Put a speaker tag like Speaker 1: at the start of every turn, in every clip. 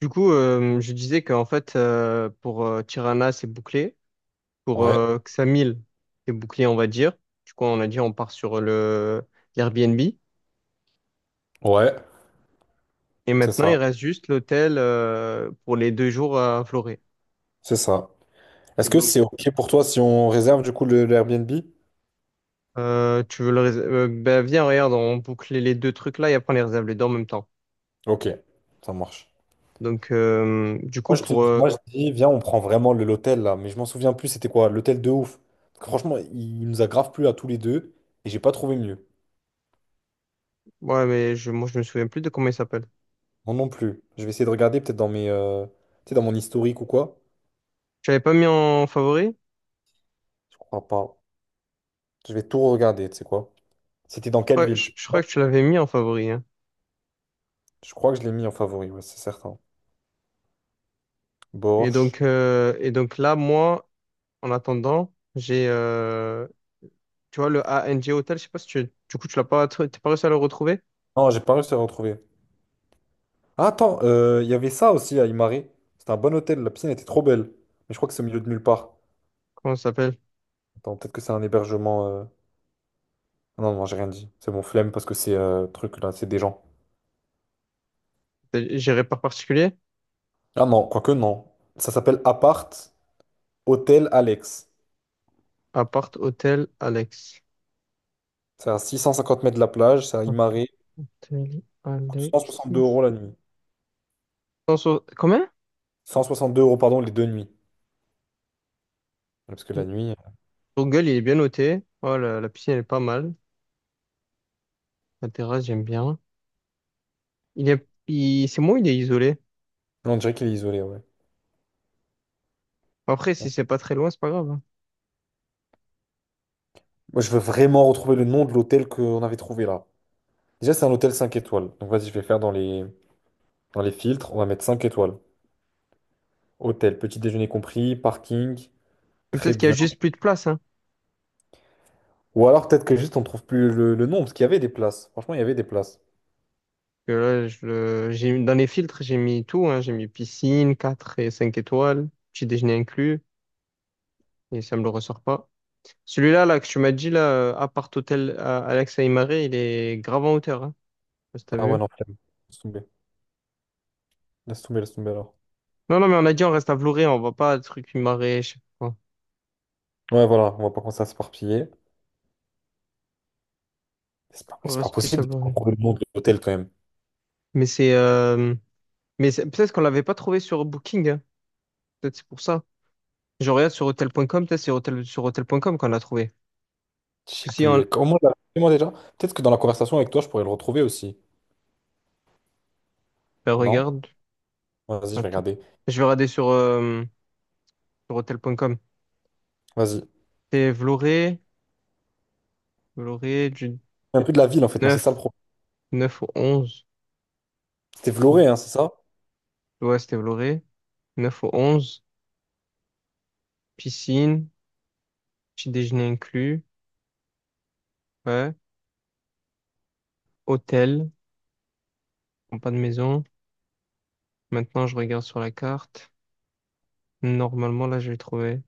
Speaker 1: Du coup, je disais qu'en fait, pour Tirana, c'est bouclé. Pour
Speaker 2: Ouais,
Speaker 1: Xamil, c'est bouclé, on va dire. Du coup, on a dit on part sur le l'Airbnb.
Speaker 2: ouais,
Speaker 1: Et
Speaker 2: c'est
Speaker 1: maintenant, il
Speaker 2: ça,
Speaker 1: reste juste l'hôtel pour les 2 jours à Florée.
Speaker 2: c'est ça. Est-ce
Speaker 1: Et
Speaker 2: que
Speaker 1: donc,
Speaker 2: c'est OK pour toi si on réserve du coup le Airbnb?
Speaker 1: tu veux le rés- ben, viens, regarde, on boucle les deux trucs là et après on les réserve les deux en même temps.
Speaker 2: OK, ça marche.
Speaker 1: Donc, du coup,
Speaker 2: Moi je te dis, moi je dis, viens, on prend vraiment l'hôtel là, mais je m'en souviens plus, c'était quoi? L'hôtel de ouf. Parce que franchement, il nous a grave plu à tous les deux et j'ai pas trouvé mieux.
Speaker 1: ouais, mais moi, je me souviens plus de comment il s'appelle.
Speaker 2: Moi non plus. Je vais essayer de regarder peut-être dans mes, tu sais, dans mon historique ou quoi.
Speaker 1: Tu l'avais pas mis en favori?
Speaker 2: Je crois pas. Je vais tout regarder, tu sais quoi. C'était dans
Speaker 1: Je
Speaker 2: quelle
Speaker 1: crois,
Speaker 2: ville? Tu
Speaker 1: je-
Speaker 2: te
Speaker 1: je
Speaker 2: souviens.
Speaker 1: crois que tu l'avais mis en favori, hein.
Speaker 2: Je crois que je l'ai mis en favori, ouais, c'est certain.
Speaker 1: Et
Speaker 2: Borch.
Speaker 1: donc, euh, et donc là, moi, en attendant, j'ai, tu vois, le A N G Hotel, je sais pas si tu, du coup, tu l'as pas, tr- t'es pas réussi à le retrouver?
Speaker 2: Non, j'ai pas réussi à retrouver. Ah, attends, il y avait ça aussi à Imare. C'était un bon hôtel, la piscine était trop belle. Mais je crois que c'est au milieu de nulle part.
Speaker 1: Comment ça s'appelle?
Speaker 2: Attends, peut-être que c'est un hébergement. Ah non, non, j'ai rien dit. C'est mon flemme parce que c'est truc là, c'est des gens.
Speaker 1: C'est géré par particulier?
Speaker 2: Ah non, quoique non. Ça s'appelle Appart Hôtel Alex.
Speaker 1: Appart Hôtel Alex.
Speaker 2: C'est à 650 mètres de la plage, c'est à Imare.
Speaker 1: Appart Hôtel
Speaker 2: Coûte
Speaker 1: Alex.
Speaker 2: 162 € la nuit.
Speaker 1: Comment?
Speaker 2: 162 euros, pardon, les deux nuits. Parce que la nuit.
Speaker 1: Son gueule, il est bien noté. Oh, la piscine, elle est pas mal. La terrasse, j'aime bien. C'est moi, il est isolé.
Speaker 2: Non, on dirait qu'il est isolé, ouais.
Speaker 1: Après, si
Speaker 2: Bon.
Speaker 1: c'est pas très loin, c'est pas grave, hein.
Speaker 2: Moi, je veux vraiment retrouver le nom de l'hôtel qu'on avait trouvé là. Déjà, c'est un hôtel 5 étoiles. Donc vas-y, je vais faire dans les. Dans les filtres, on va mettre 5 étoiles. Hôtel, petit déjeuner compris, parking,
Speaker 1: Et
Speaker 2: très
Speaker 1: peut-être qu'il y a
Speaker 2: bien.
Speaker 1: juste plus de place, hein.
Speaker 2: Ou alors peut-être que juste on trouve plus le nom, parce qu'il y avait des places. Franchement, il y avait des places.
Speaker 1: Que là, j'ai, dans les filtres, j'ai mis tout, hein. J'ai mis piscine, 4 et 5 étoiles, petit déjeuner inclus, et ça me le ressort pas. Celui-là, là, que tu m'as dit, là, appart hôtel à Alex Aymaré, il est grave en hauteur, hein. Je sais pas si t'as
Speaker 2: Ah ouais,
Speaker 1: vu.
Speaker 2: non, flemme. Laisse tomber. Laisse tomber, laisse tomber alors.
Speaker 1: Non, non, mais on a dit, on reste à Vloré, on va pas à truc Aymaré, je sais pas quoi.
Speaker 2: Ouais, voilà, on va pas commencer à s'éparpiller. C'est pas,
Speaker 1: On
Speaker 2: c'est pas
Speaker 1: reste plus à
Speaker 2: possible de
Speaker 1: Vloré.
Speaker 2: trouver le nom de l'hôtel quand même.
Speaker 1: Mais c'est, euh, Peut-être qu'on l'avait pas trouvé sur Booking, hein. Peut-être c'est pour ça. Je regarde sur hotel.com, peut-être c'est hôtel, sur hotel.com qu'on l'a trouvé.
Speaker 2: Je sais
Speaker 1: Parce que Si on,
Speaker 2: plus. Comment déjà? Peut-être que dans la conversation avec toi, je pourrais le retrouver aussi.
Speaker 1: Ben,
Speaker 2: Non?
Speaker 1: regarde,
Speaker 2: Ouais, vas-y, je vais
Speaker 1: attends.
Speaker 2: regarder.
Speaker 1: Je vais regarder sur hotel.com.
Speaker 2: Vas-y.
Speaker 1: C'était Vloré, du
Speaker 2: Un peu de la ville en fait, moi, c'est ça le
Speaker 1: 9,
Speaker 2: problème.
Speaker 1: 9 au 11.
Speaker 2: C'était Vloré, hein, c'est ça?
Speaker 1: Ouais, c'était Vloré. 9 au 11. Piscine, petit déjeuner inclus. Ouais. Hôtel, bon, pas de maison. Maintenant, je regarde sur la carte. Normalement, là, je vais trouver.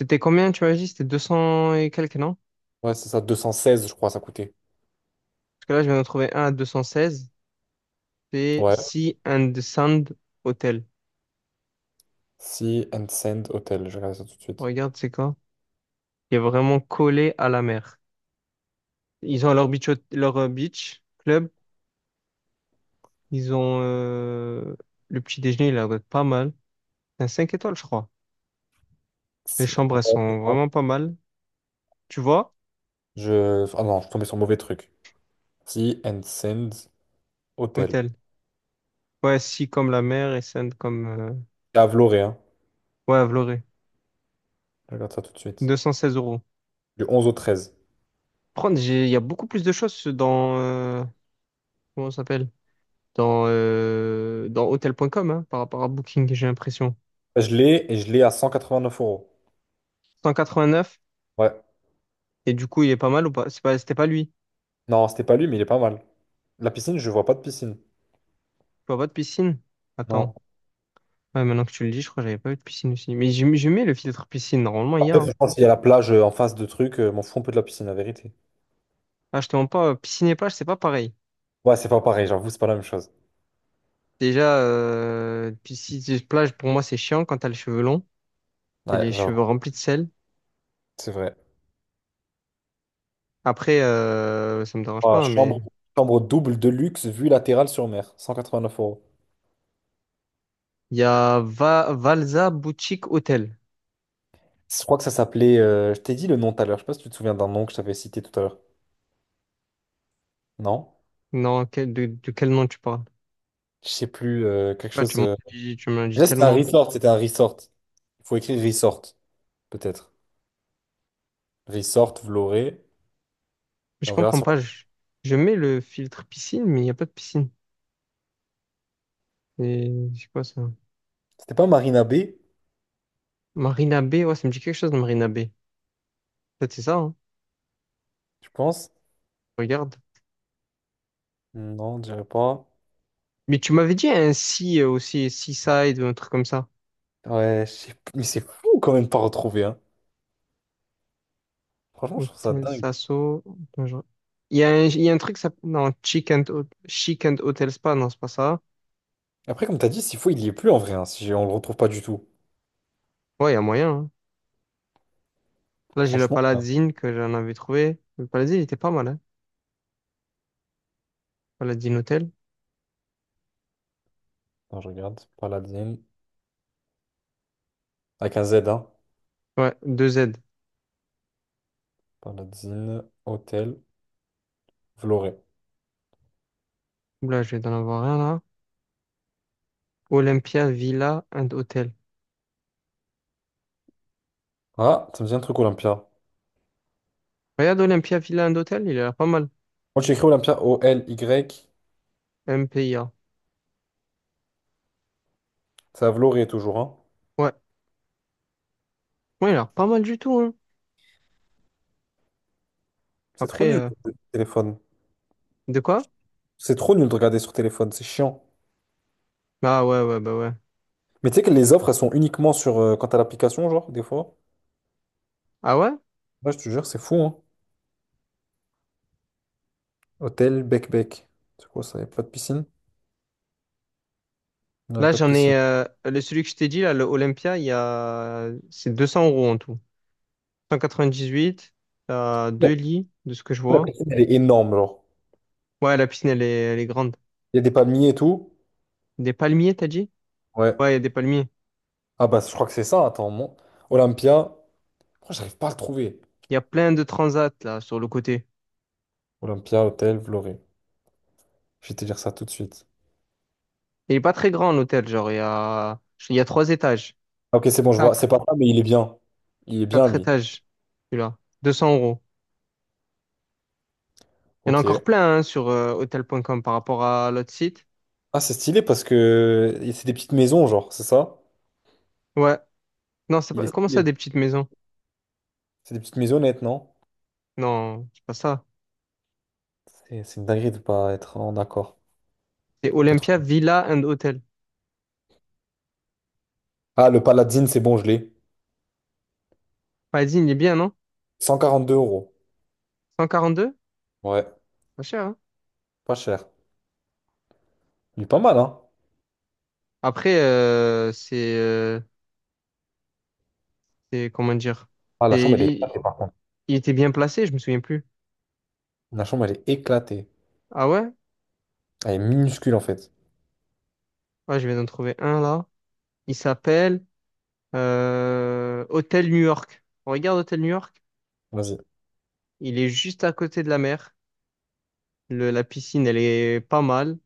Speaker 1: C'était combien, tu m'as dit? C'était 200 et quelques, non?
Speaker 2: Ouais, c'est ça, 216, je crois, ça coûtait.
Speaker 1: Parce que là, je viens de trouver un à 216. C'est
Speaker 2: Ouais.
Speaker 1: Sea and Sand Hotel.
Speaker 2: Sea and Sand Hotel, je regarde ça tout de suite.
Speaker 1: Regarde, c'est quoi? Il est vraiment collé à la mer. Ils ont leur beach club. Ils ont le petit déjeuner, il a l'air d'être pas mal. C'est un 5 étoiles, je crois. Les
Speaker 2: C'est-
Speaker 1: chambres, elles sont vraiment pas mal. Tu vois?
Speaker 2: Ah non, je suis tombé sur le mauvais truc. Sea and Sands Hotel.
Speaker 1: Hôtel. Ouais, si comme la mer et Sainte
Speaker 2: C'est à Vloré, hein.
Speaker 1: ouais, à Vloré.
Speaker 2: Je regarde ça tout de suite.
Speaker 1: Deux cent seize euros.
Speaker 2: Du 11 au 13.
Speaker 1: Il y a beaucoup plus de choses comment ça s'appelle? Dans hôtel.com, hein, par rapport à Booking, j'ai l'impression.
Speaker 2: Je l'ai et je l'ai à 189 euros.
Speaker 1: 189.
Speaker 2: Ouais.
Speaker 1: Et du coup, il est pas mal ou pas? C'était pas lui. Tu
Speaker 2: Non, c'était pas lui, mais il est pas mal. La piscine, je vois pas de piscine.
Speaker 1: vois pas de piscine?
Speaker 2: Non.
Speaker 1: Attends. Ouais, maintenant que tu le dis, je crois que j'avais pas eu de piscine aussi. Mais j'ai mis le filtre piscine. Normalement, il y a,
Speaker 2: Après,
Speaker 1: hein.
Speaker 2: franchement, s'il y a la plage en face de trucs, m'en fous un peu de la piscine, la vérité.
Speaker 1: Ah, je te mens pas, piscine et plage, c'est pas pareil.
Speaker 2: Ouais, c'est pas pareil, j'avoue, c'est pas la même chose.
Speaker 1: Déjà, piscine et plage, pour moi, c'est chiant quand t'as les cheveux longs et
Speaker 2: Ouais,
Speaker 1: les
Speaker 2: j'avoue,
Speaker 1: cheveux remplis de sel.
Speaker 2: c'est vrai.
Speaker 1: Après, ça me dérange pas,
Speaker 2: Ah,
Speaker 1: hein,
Speaker 2: chambre,
Speaker 1: mais
Speaker 2: chambre double de luxe, vue latérale sur mer, 189 euros.
Speaker 1: il y a Valza Boutique Hotel.
Speaker 2: Je crois que ça s'appelait, je t'ai dit le nom tout à l'heure, je sais pas si tu te souviens d'un nom que je t'avais cité tout à l'heure. Non?
Speaker 1: Non, de quel nom tu parles?
Speaker 2: Je sais plus, quelque
Speaker 1: Ouais, tu
Speaker 2: chose.
Speaker 1: m'en dis, tu m'en dis
Speaker 2: Déjà, c'était un
Speaker 1: tellement.
Speaker 2: resort, c'était un resort. Il faut écrire resort, peut-être. Resort, vous l'aurez. Et
Speaker 1: Je
Speaker 2: on verra
Speaker 1: comprends
Speaker 2: sur.
Speaker 1: pas. Je mets le filtre piscine, mais il n'y a pas de piscine. Et c'est quoi ça?
Speaker 2: C'était pas Marina Bay,
Speaker 1: Marina Bay, ouais, ça me dit quelque chose de Marina Bay. Peut-être c'est ça, hein.
Speaker 2: je pense.
Speaker 1: Regarde.
Speaker 2: Non, je dirais pas.
Speaker 1: Mais tu m'avais dit un sea, aussi, Seaside ou un truc comme ça.
Speaker 2: Ouais, je sais plus. Mais c'est fou quand même de pas retrouver, hein. Franchement, je trouve ça
Speaker 1: Hôtel
Speaker 2: dingue.
Speaker 1: Sasso. Attends, il y a un, truc, ça, non, Chic and Hotel Spa, non, c'est pas ça.
Speaker 2: Après, comme t'as dit, s'il faut, il y est plus en vrai, hein, si on le retrouve pas du tout.
Speaker 1: Ouais, il y a moyen, hein. Là, j'ai le
Speaker 2: Franchement, hein.
Speaker 1: Paladine que j'en avais trouvé. Le Paladine, il était pas mal, hein. Paladine Hotel.
Speaker 2: Attends, je regarde. Paladine. Avec un Z, hein.
Speaker 1: Ouais, deux z.
Speaker 2: Paladine, hôtel, vous.
Speaker 1: Là, je vais en avoir un, là. Olympia Villa and Hotel.
Speaker 2: Ah, ça me dit un truc Olympia.
Speaker 1: Regarde Olympia Villa and Hotel, il a l'air pas mal.
Speaker 2: Moi, j'ai écrit Olympia, O-L-Y.
Speaker 1: MPIA.
Speaker 2: Ça, vous toujours, hein.
Speaker 1: Ouais. Ouais, il a l'air pas mal du tout, hein.
Speaker 2: C'est trop
Speaker 1: Après,
Speaker 2: nul le téléphone.
Speaker 1: de quoi?
Speaker 2: C'est trop nul de regarder sur téléphone, c'est chiant.
Speaker 1: Ah ouais, ouais, bah ouais.
Speaker 2: Mais tu sais que les offres, elles sont uniquement sur quand t'as l'application, genre, des fois.
Speaker 1: Ah ouais?
Speaker 2: Ouais, je te jure, c'est fou, hein. Hôtel Bec Bec. C'est quoi ça? Y a pas de piscine? Non, y a
Speaker 1: Là,
Speaker 2: pas de piscine.
Speaker 1: celui que je t'ai dit, là, le Olympia, c'est 200 € en tout. 198, t'as
Speaker 2: La,
Speaker 1: deux lits, de ce que je
Speaker 2: la
Speaker 1: vois.
Speaker 2: piscine, elle est énorme, genre.
Speaker 1: Ouais, la piscine, elle est grande.
Speaker 2: Il y a des palmiers et tout.
Speaker 1: Des palmiers, t'as dit?
Speaker 2: Ouais.
Speaker 1: Ouais, il y a des palmiers.
Speaker 2: Ah bah, je crois que c'est ça, attends. Olympia. Oh, j'arrive pas à le trouver.
Speaker 1: Il y a plein de transats, là, sur le côté.
Speaker 2: Olympia, hôtel, Vloré. Je vais te dire ça tout de suite.
Speaker 1: Il est pas très grand, l'hôtel, genre, il y a trois étages.
Speaker 2: Ah, ok, c'est bon, je vois. C'est
Speaker 1: Quatre.
Speaker 2: pas ça, mais il est bien. Il est bien,
Speaker 1: Quatre
Speaker 2: lui.
Speaker 1: étages, celui-là. Deux cents euros. Il y en a encore
Speaker 2: Ok.
Speaker 1: plein, hein, sur hotel.com par rapport à l'autre site.
Speaker 2: Ah, c'est stylé parce que c'est des petites maisons, genre, c'est ça?
Speaker 1: Ouais. Non, c'est
Speaker 2: Il est
Speaker 1: pas, comment ça,
Speaker 2: stylé.
Speaker 1: des petites maisons?
Speaker 2: C'est des petites maisonnettes, non?
Speaker 1: Non, c'est pas ça.
Speaker 2: C'est une dinguerie de pas être en accord.
Speaker 1: C'est
Speaker 2: Pas trop.
Speaker 1: Olympia Villa and Hotel.
Speaker 2: Ah, le Paladine, c'est bon, je l'ai.
Speaker 1: Vas-y, il est bien, non?
Speaker 2: 142 euros.
Speaker 1: 142.
Speaker 2: Ouais,
Speaker 1: Pas cher, hein?
Speaker 2: pas cher. Il est pas mal, hein?
Speaker 1: Après, c'est, comment dire?
Speaker 2: Ah, la
Speaker 1: C'est-
Speaker 2: chambre, elle est
Speaker 1: il,
Speaker 2: éclatée, par contre.
Speaker 1: il était bien placé, je me souviens plus.
Speaker 2: La chambre, elle est éclatée.
Speaker 1: Ah ouais?
Speaker 2: Elle est minuscule, en fait.
Speaker 1: Ouais, je viens d'en trouver un là. Il s'appelle Hôtel New York. On regarde Hôtel New York.
Speaker 2: Vas-y.
Speaker 1: Il est juste à côté de la mer. La piscine, elle est pas mal.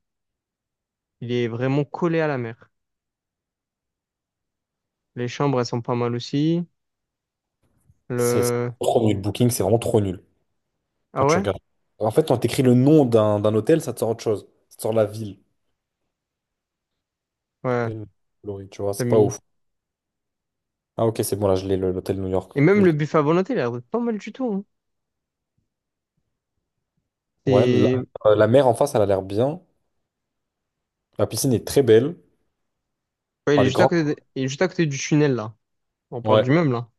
Speaker 1: Il est vraiment collé à la mer. Les chambres, elles sont pas mal aussi.
Speaker 2: C'est
Speaker 1: Le...
Speaker 2: trop nul. Booking, c'est vraiment trop nul.
Speaker 1: Ah
Speaker 2: Quand tu
Speaker 1: ouais?
Speaker 2: regardes. En fait, quand t'écris le nom d'un hôtel, ça te sort autre chose. Ça te sort la ville.
Speaker 1: Ouais,
Speaker 2: Hôtel Glory, tu vois,
Speaker 1: t'as
Speaker 2: c'est pas
Speaker 1: mis.
Speaker 2: ouf. Ah, ok, c'est bon, là, je l'ai, l'hôtel New York.
Speaker 1: Et
Speaker 2: Je
Speaker 1: même
Speaker 2: vais
Speaker 1: le buffet à volonté, il a l'air d'être pas mal du tout, hein.
Speaker 2: Ouais, la,
Speaker 1: C'est...
Speaker 2: euh, la mer en face, elle a l'air bien. La piscine est très belle.
Speaker 1: Ouais,
Speaker 2: Enfin, elle est grande.
Speaker 1: il est juste à côté du tunnel là. On parle
Speaker 2: Ouais, ouais,
Speaker 1: du même là.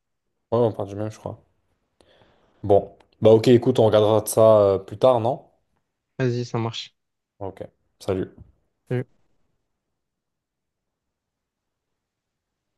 Speaker 2: on part du même, je crois. Bon, bah ok, écoute, on regardera de ça plus tard, non?
Speaker 1: Vas-y, ça marche.
Speaker 2: Ok, salut.